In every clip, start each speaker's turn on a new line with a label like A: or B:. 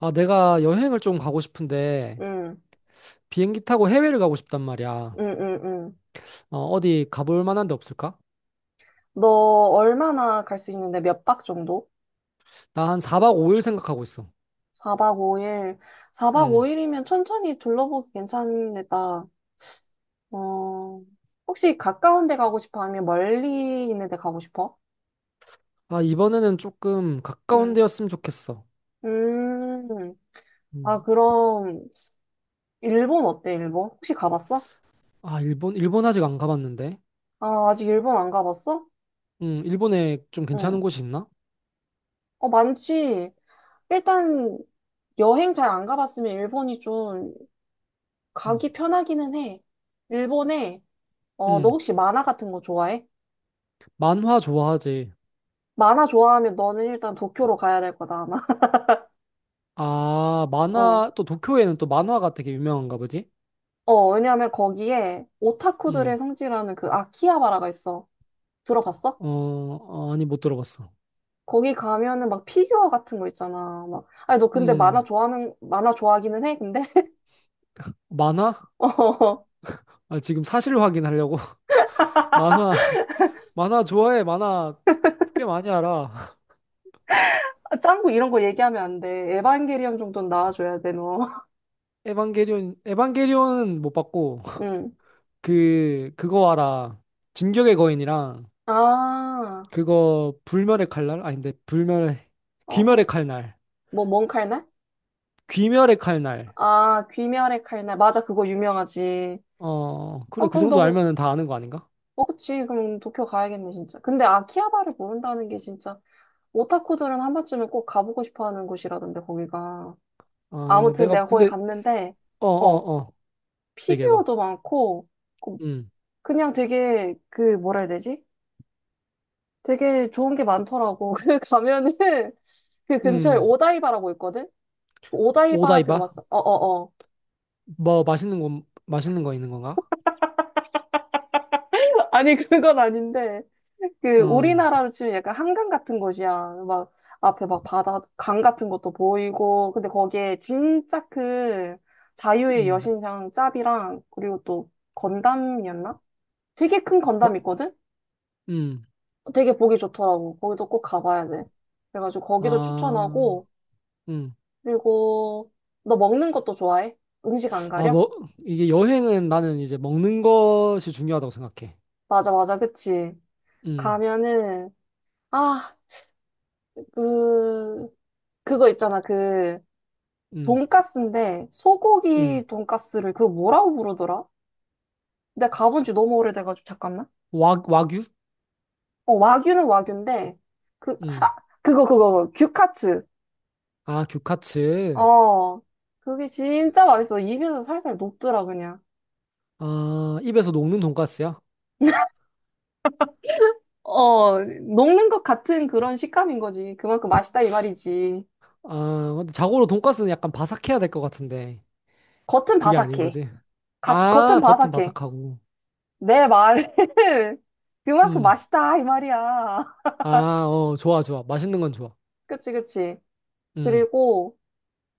A: 아, 내가 여행을 좀 가고 싶은데
B: 응,
A: 비행기 타고 해외를 가고 싶단 말이야.
B: 응, 응, 응.
A: 어, 어디 가볼 만한 데 없을까?
B: 너 얼마나 갈 수 있는데 몇 박 정도?
A: 나 한 4박 5일 생각하고 있어.
B: 4박 5일. 4박
A: 음.
B: 5일이면 천천히 둘러보기 괜찮겠다. 어, 혹시 가까운 데 가고 싶어? 아니면 멀리 있는 데 가고 싶어?
A: 아, 이번에는 조금 가까운
B: 응.
A: 데였으면 좋겠어.
B: 음, 아,
A: 음.
B: 그럼, 일본 어때, 일본? 혹시 가봤어?
A: 아, 일본, 일본 아직 안 가봤는데.
B: 아, 아직 일본 안 가봤어?
A: 일본에 좀 괜찮은
B: 응.
A: 곳이 있나?
B: 어, 많지. 일단, 여행 잘 안 가봤으면 일본이 좀
A: 음.
B: 가기 편하기는 해. 일본에 너
A: 음.
B: 혹시 만화 같은 거 좋아해?
A: 만화 좋아하지.
B: 만화 좋아하면 너는 일단 도쿄로 가야 될 거다, 아마.
A: 아,
B: 어.
A: 만화, 또 도쿄에는 또 만화가 되게 유명한가 보지?
B: 어, 왜냐면 거기에 오타쿠들의
A: 음.
B: 성지라는 그 아키하바라가 있어. 들어봤어?
A: 어, 어, 아니, 못 들어봤어.
B: 거기 가면은 막 피규어 같은 거 있잖아. 막. 아니, 너 근데
A: 음.
B: 만화 좋아하기는 해, 근데?
A: 만화?
B: 어.
A: 아, 지금 사실 확인하려고. 만화. 만화 좋아해, 만화 꽤 많이 알아.
B: 아, 짱구 이런 거 얘기하면 안 돼. 에반게리온 정도는 나와줘야 돼, 너.
A: 에반게리온, 에반게리온은 못 봤고,
B: 응.
A: 그거 알아. 진격의 거인이랑,
B: 아,
A: 그거, 불멸의 칼날? 아닌데, 불멸의,
B: 어,
A: 귀멸의
B: 어.
A: 칼날.
B: 뭔 칼날?
A: 귀멸의 칼날.
B: 아, 귀멸의 칼날. 맞아, 그거 유명하지.
A: 어, 그래,
B: 어,
A: 그
B: 그럼
A: 정도 알면은 다 아는 거 아닌가?
B: 그치. 그럼 도쿄 가야겠네, 진짜. 근데 아키하바를 모른다는 게 진짜 오타쿠들은 한 번쯤은 꼭 가보고 싶어 하는 곳이라던데, 거기가.
A: 아,
B: 아무튼
A: 내가,
B: 내가 거기
A: 근데,
B: 갔는데,
A: 어,
B: 어,
A: 어, 어. 얘기해봐.
B: 피규어도 많고, 그-
A: 음,
B: 그냥 되게, 그, 뭐라 해야 되지? 되게 좋은 게 많더라고. 그 가면은 그 근처에
A: 음.
B: 오다이바라고 있거든? 오다이바
A: 오다이바?
B: 들어봤어? 어어어.
A: 뭐, 맛있는 거 있는 건가?
B: 아니, 그건 아닌데. 그,
A: 어,
B: 우리나라로 치면 약간 한강 같은 곳이야. 막, 앞에 막 바다, 강 같은 것도 보이고. 근데 거기에 진짜 그 자유의
A: 음,
B: 여신상 짭이랑, 그리고 또 건담이었나? 되게 큰
A: 어,
B: 건담 있거든?
A: 음.
B: 되게 보기 좋더라고. 거기도 꼭 가봐야 돼. 그래가지고 거기도
A: 아,
B: 추천하고,
A: 음.
B: 그리고 너 먹는 것도 좋아해? 음식 안
A: 아,
B: 가려?
A: 뭐, 이게 여행은 나는 이제 먹는 것이 중요하다고 생각해.
B: 맞아, 맞아, 그치.
A: 음,
B: 가면은, 아, 그, 그거 있잖아, 그,
A: 음,
B: 돈까스인데
A: 음.
B: 소고기 돈까스를 그거 뭐라고 부르더라? 내가 가본
A: 소-
B: 지 너무 오래돼가지고 잠깐만.
A: 와규?
B: 어, 와규는 와규인데 그, 아,
A: 음.
B: 그거. 규카츠.
A: 아, 규카츠.
B: 어, 그게 진짜 맛있어. 입에서 살살 녹더라 그냥.
A: 아, 입에서 녹는 돈가스야?
B: 어, 녹는 것 같은 그런 식감인 거지. 그만큼 맛있다 이 말이지.
A: 아, 근데 자고로 돈가스는 약간 바삭해야 될 것 같은데.
B: 겉은
A: 그게 아닌
B: 바삭해.
A: 거지.
B: 겉은
A: 아, 겉은
B: 바삭해.
A: 바삭하고.
B: 내 말은 그만큼
A: 음.
B: 맛있다 이 말이야.
A: 아, 어, 좋아, 좋아. 맛있는 건 좋아.
B: 그치, 그치.
A: 음,
B: 그리고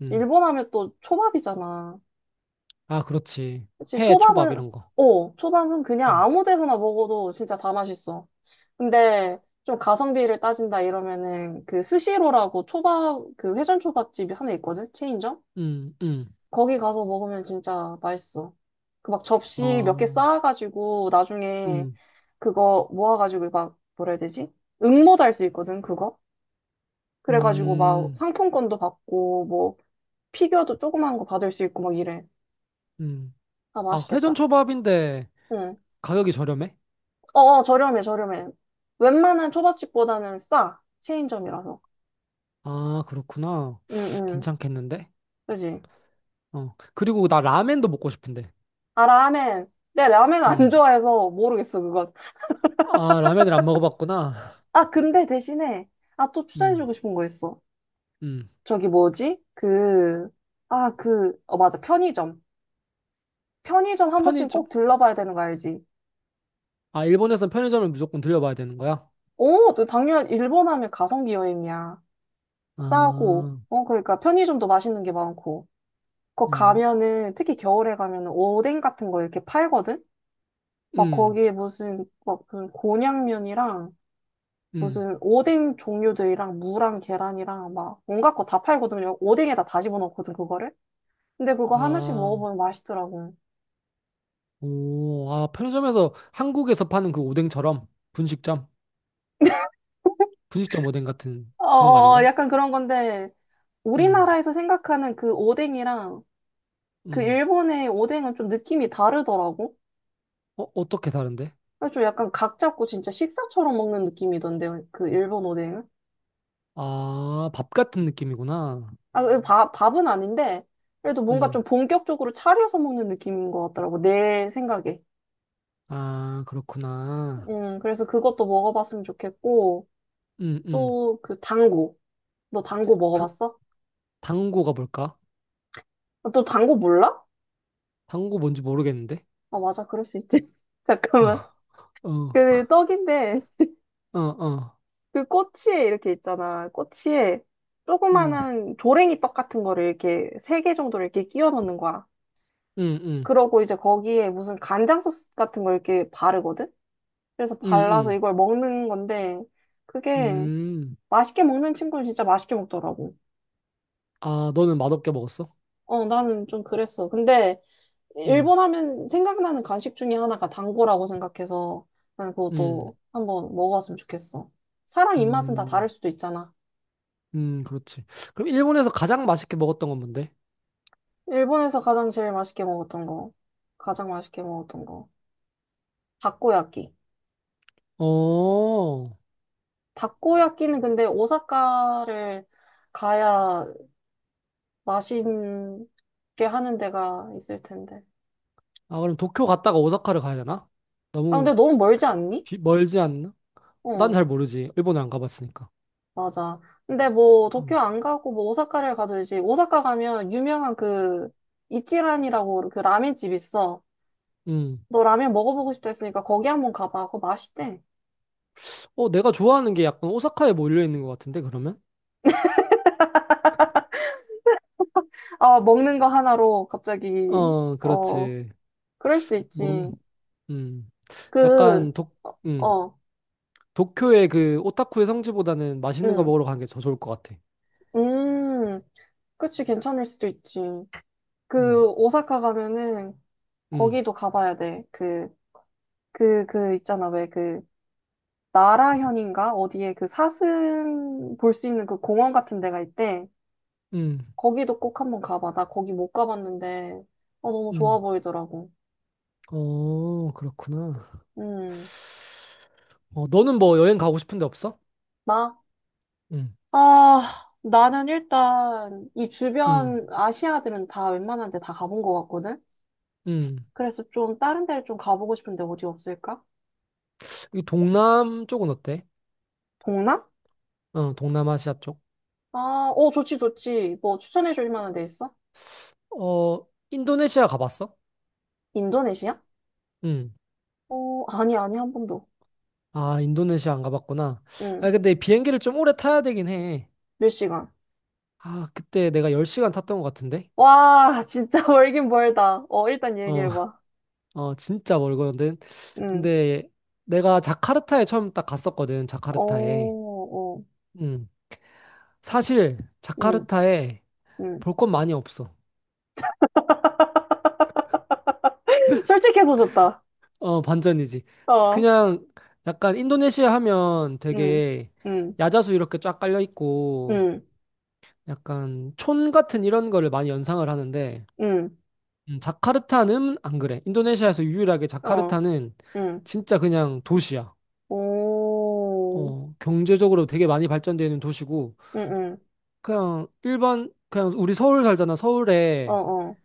A: 음.
B: 일본 하면 또 초밥이잖아.
A: 아, 그렇지.
B: 그치,
A: 회, 초밥 이런 거.
B: 초밥은 그냥
A: 음,
B: 아무 데서나 먹어도 진짜 다 맛있어. 근데 좀 가성비를 따진다 이러면은 그 스시로라고 초밥, 그 회전 초밥집이 하나 있거든? 체인점?
A: 음, 음.
B: 거기 가서 먹으면 진짜 맛있어. 그 막 접시 몇 개
A: 어,
B: 쌓아가지고 나중에
A: 음,
B: 그거 모아가지고 막 뭐라 해야 되지? 응모도 할 수 있거든, 그거? 그래가지고 막
A: 음,
B: 상품권도 받고 뭐 피규어도 조그만 거 받을 수 있고 막 이래.
A: 음.
B: 아,
A: 아, 회전
B: 맛있겠다.
A: 초밥인데
B: 응.
A: 가격이 저렴해?
B: 어, 어, 저렴해, 저렴해. 웬만한 초밥집보다는 싸. 체인점이라서.
A: 아, 그렇구나.
B: 응, 응.
A: 괜찮겠는데?
B: 그지?
A: 어. 그리고 나 라멘도 먹고 싶은데.
B: 아, 라멘. 내 라멘 안
A: 음.
B: 좋아해서 모르겠어, 그건.
A: 아, 라멘을 안 먹어봤구나.
B: 아, 근데 대신에, 아, 또
A: 음.
B: 추천해주고 싶은 거 있어.
A: 음.
B: 저기 뭐지? 그, 아, 그, 어, 맞아. 편의점. 편의점 한 번씩
A: 편의점?
B: 꼭 들러봐야 되는 거 알지?
A: 아, 일본에선 편의점을 무조건 들려봐야 되는 거야?
B: 오, 너 일본 하면 가성비 여행이야. 싸고,
A: 아,
B: 어, 그러니까 편의점도 맛있는 게 많고. 거
A: 음.
B: 가면은, 특히 겨울에 가면은 오뎅 같은 거 이렇게 팔거든? 막
A: 음.
B: 거기에 무슨 막 그 곤약면이랑
A: 음.
B: 무슨 오뎅 종류들이랑 무랑 계란이랑 막 온갖 거 다 팔거든요. 오뎅에다 다 집어넣거든 그거를. 근데 그거 하나씩
A: 아,
B: 먹어보면 맛있더라고.
A: 오. 아, 편의점에서 한국에서 파는 그 오뎅처럼 분식점? 분식점 오뎅 같은
B: 어,
A: 그런 거
B: 어, 어,
A: 아닌가?
B: 약간 그런 건데
A: 음.
B: 우리나라에서 생각하는 그 오뎅이랑 그
A: 음.
B: 일본의 오뎅은 좀 느낌이 다르더라고.
A: 어, 어떻게 다른데?
B: 그래서 좀 약간 각 잡고 진짜 식사처럼 먹는 느낌이던데 그 일본 오뎅은.
A: 아, 밥 같은 느낌이구나.
B: 아, 그 밥은 아닌데 그래도 뭔가 좀
A: 음.
B: 본격적으로 차려서 먹는 느낌인 것 같더라고 내 생각에.
A: 아, 그렇구나.
B: 그래서 그것도 먹어봤으면 좋겠고,
A: 음, 음.
B: 또 그 당구. 너 당구
A: 당,
B: 먹어봤어?
A: 당고가 뭘까?
B: 아, 너 당구 몰라?
A: 당고 뭔지 모르겠는데.
B: 아, 맞아. 그럴 수 있지. 잠깐만.
A: 어, 어,
B: 그 떡인데,
A: 어, 어.
B: 그 꼬치에 이렇게 있잖아. 꼬치에
A: 음,
B: 조그마한 조랭이 떡 같은 거를 이렇게 세 개 정도를 이렇게 끼워 넣는 거야.
A: 음, 음,
B: 그러고 이제 거기에 무슨 간장 소스 같은 걸 이렇게 바르거든? 그래서
A: 음,
B: 발라서
A: 음.
B: 이걸 먹는 건데, 그게
A: 음.
B: 맛있게 먹는 친구는 진짜 맛있게 먹더라고.
A: 아, 너는 맛없게 먹었어?
B: 어, 나는 좀 그랬어. 근데,
A: 음,
B: 일본 하면 생각나는 간식 중에 하나가 단거라고 생각해서 난
A: 음,
B: 그것도 한번 먹어봤으면 좋겠어. 사람 입맛은 다
A: 음,
B: 다를 수도 있잖아.
A: 그렇지. 그럼 일본에서 가장 맛있게 먹었던 건 뭔데?
B: 일본에서 가장 제일 맛있게 먹었던 거, 가장 맛있게 먹었던 거, 다코야끼.
A: 어,
B: 다코야끼는 근데 오사카를 가야 맛있게 하는 데가 있을 텐데.
A: 아, 그럼 도쿄 갔다가 오사카를 가야 되나?
B: 아,
A: 너무
B: 근데 너무 멀지 않니?
A: 멀지 않나? 난
B: 어.
A: 잘 모르지. 일본에 안 가봤으니까.
B: 맞아. 근데 뭐 도쿄
A: 음,
B: 안 가고 뭐 오사카를 가도 되지. 오사카 가면 유명한 그 이치란이라고 그 라면집 있어.
A: 음.
B: 너 라면 먹어보고 싶다 했으니까 거기 한번 가봐. 그거 맛있대.
A: 어, 내가 좋아하는 게 약간 오사카에 몰려 있는 것 같은데, 그러면?
B: 아, 먹는 거 하나로 갑자기
A: 어,
B: 어
A: 그렇지.
B: 그럴 수
A: 뭔,
B: 있지.
A: 음,
B: 그
A: 약간
B: 어,
A: 음,
B: 어,
A: 도쿄의 그 오타쿠의 성지보다는 맛있는 거
B: 응,
A: 먹으러 가는 게 더 좋을 것 같아.
B: 음, 그치 괜찮을 수도 있지.
A: 음,
B: 그 오사카 가면은
A: 음,
B: 거기도 가봐야 돼. 그 있잖아 왜그 나라현인가? 어디에 그 사슴 볼 수 있는 그 공원 같은 데가 있대.
A: 음,
B: 거기도 꼭 한번 가봐. 나 거기 못 가봤는데, 어, 너무 좋아
A: 음.
B: 보이더라고.
A: 어, 그렇구나.
B: 음,
A: 어, 너는 뭐 여행 가고 싶은 데 없어?
B: 나?
A: 음,
B: 아, 나는 일단 이
A: 음,
B: 주변 아시아들은 다 웬만한 데 다 가본 것 같거든?
A: 음.
B: 그래서 좀 다른 데를 좀 가보고 싶은데 어디 없을까?
A: 이 동남 쪽은 어때?
B: 동남?
A: 어, 동남아시아 쪽.
B: 아, 어, 좋지, 좋지. 뭐 추천해 줄 만한 데 있어?
A: 어, 인도네시아 가봤어?
B: 인도네시아?
A: 음.
B: 어, 아니, 아니, 한 번도.
A: 아, 인도네시아 안 가봤구나.
B: 응,
A: 아, 근데 비행기를 좀 오래 타야 되긴 해.
B: 몇 시간?
A: 아, 그때 내가 10시간 탔던 것 같은데?
B: 와, 진짜 멀긴 멀다. 어, 일단
A: 어,
B: 얘기해봐.
A: 어, 진짜 멀거든.
B: 응.
A: 근데 내가 자카르타에 처음 딱 갔었거든,
B: 어,
A: 자카르타에.
B: 어,
A: 음. 사실,
B: 응,
A: 자카르타에
B: 응.
A: 볼 건 많이 없어.
B: 솔직해서 좋다.
A: 어, 반전이지.
B: 어,
A: 그냥 약간 인도네시아 하면
B: 응,
A: 되게
B: 응,
A: 야자수 이렇게 쫙 깔려 있고,
B: 응,
A: 약간 촌 같은 이런 거를 많이 연상을 하는데,
B: 응,
A: 자카르타는 안 그래. 인도네시아에서 유일하게
B: 어,
A: 자카르타는
B: 응.
A: 진짜 그냥 도시야.
B: 오,
A: 어, 경제적으로 되게 많이 발전되어 있는 도시고,
B: 응, 응,
A: 그냥 우리 서울 살잖아.
B: 어,
A: 서울에
B: 어.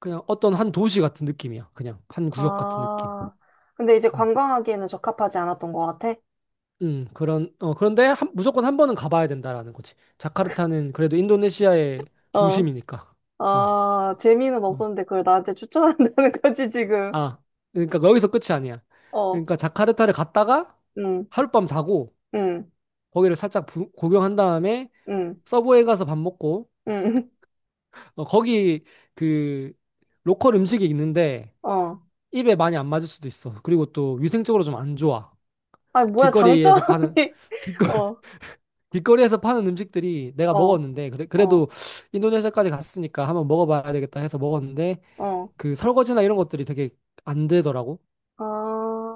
A: 그냥 어떤 한 도시 같은 느낌이야. 그냥 한 구역 같은 느낌.
B: 아, 근데 이제
A: 음,
B: 관광하기에는 적합하지 않았던 것 같아?
A: 그런, 어, 그런데 무조건 한 번은 가봐야 된다라는 거지. 자카르타는 그래도 인도네시아의
B: 어,
A: 중심이니까. 어,
B: 아, 재미는
A: 어.
B: 없었는데 그걸 나한테 추천한다는 거지, 지금.
A: 아, 그러니까 여기서 끝이 아니야.
B: 어,
A: 그러니까 자카르타를 갔다가
B: 응,
A: 하룻밤 자고,
B: 응,
A: 거기를 살짝 구경한 다음에
B: 응,
A: 서부에 가서 밥 먹고,
B: 응,
A: 어, 거기 그 로컬 음식이 있는데
B: 어.
A: 입에 많이 안 맞을 수도 있어. 그리고 또 위생적으로 좀 안 좋아.
B: 아니, 뭐야, 장점이.
A: 길거리에서 파는 길거
B: 어,
A: 길거리에서 파는 음식들이 내가
B: 어,
A: 먹었는데 그래,
B: 어,
A: 그래도 인도네시아까지 갔으니까 한번 먹어봐야 되겠다 해서 먹었는데
B: 어,
A: 그 설거지나 이런 것들이 되게 안 되더라고.
B: 아,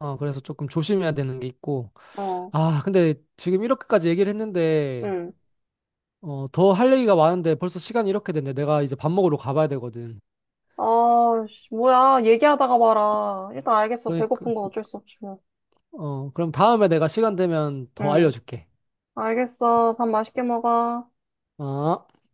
A: 어, 그래서 조금 조심해야 되는 게 있고.
B: 어,
A: 아, 근데 지금 이렇게까지 얘기를 했는데
B: 응.
A: 어, 더 할 얘기가 많은데 벌써 시간이 이렇게 됐네. 내가 이제 밥 먹으러 가봐야 되거든.
B: 아, 씨, 뭐야. 얘기하다가 봐라. 일단 알겠어.
A: 그러니까
B: 배고픈 건 어쩔 수 없지, 뭐.
A: 어, 그럼 다음에 내가 시간 되면 더
B: 응.
A: 알려줄게.
B: 알겠어. 밥 맛있게 먹어.
A: 어?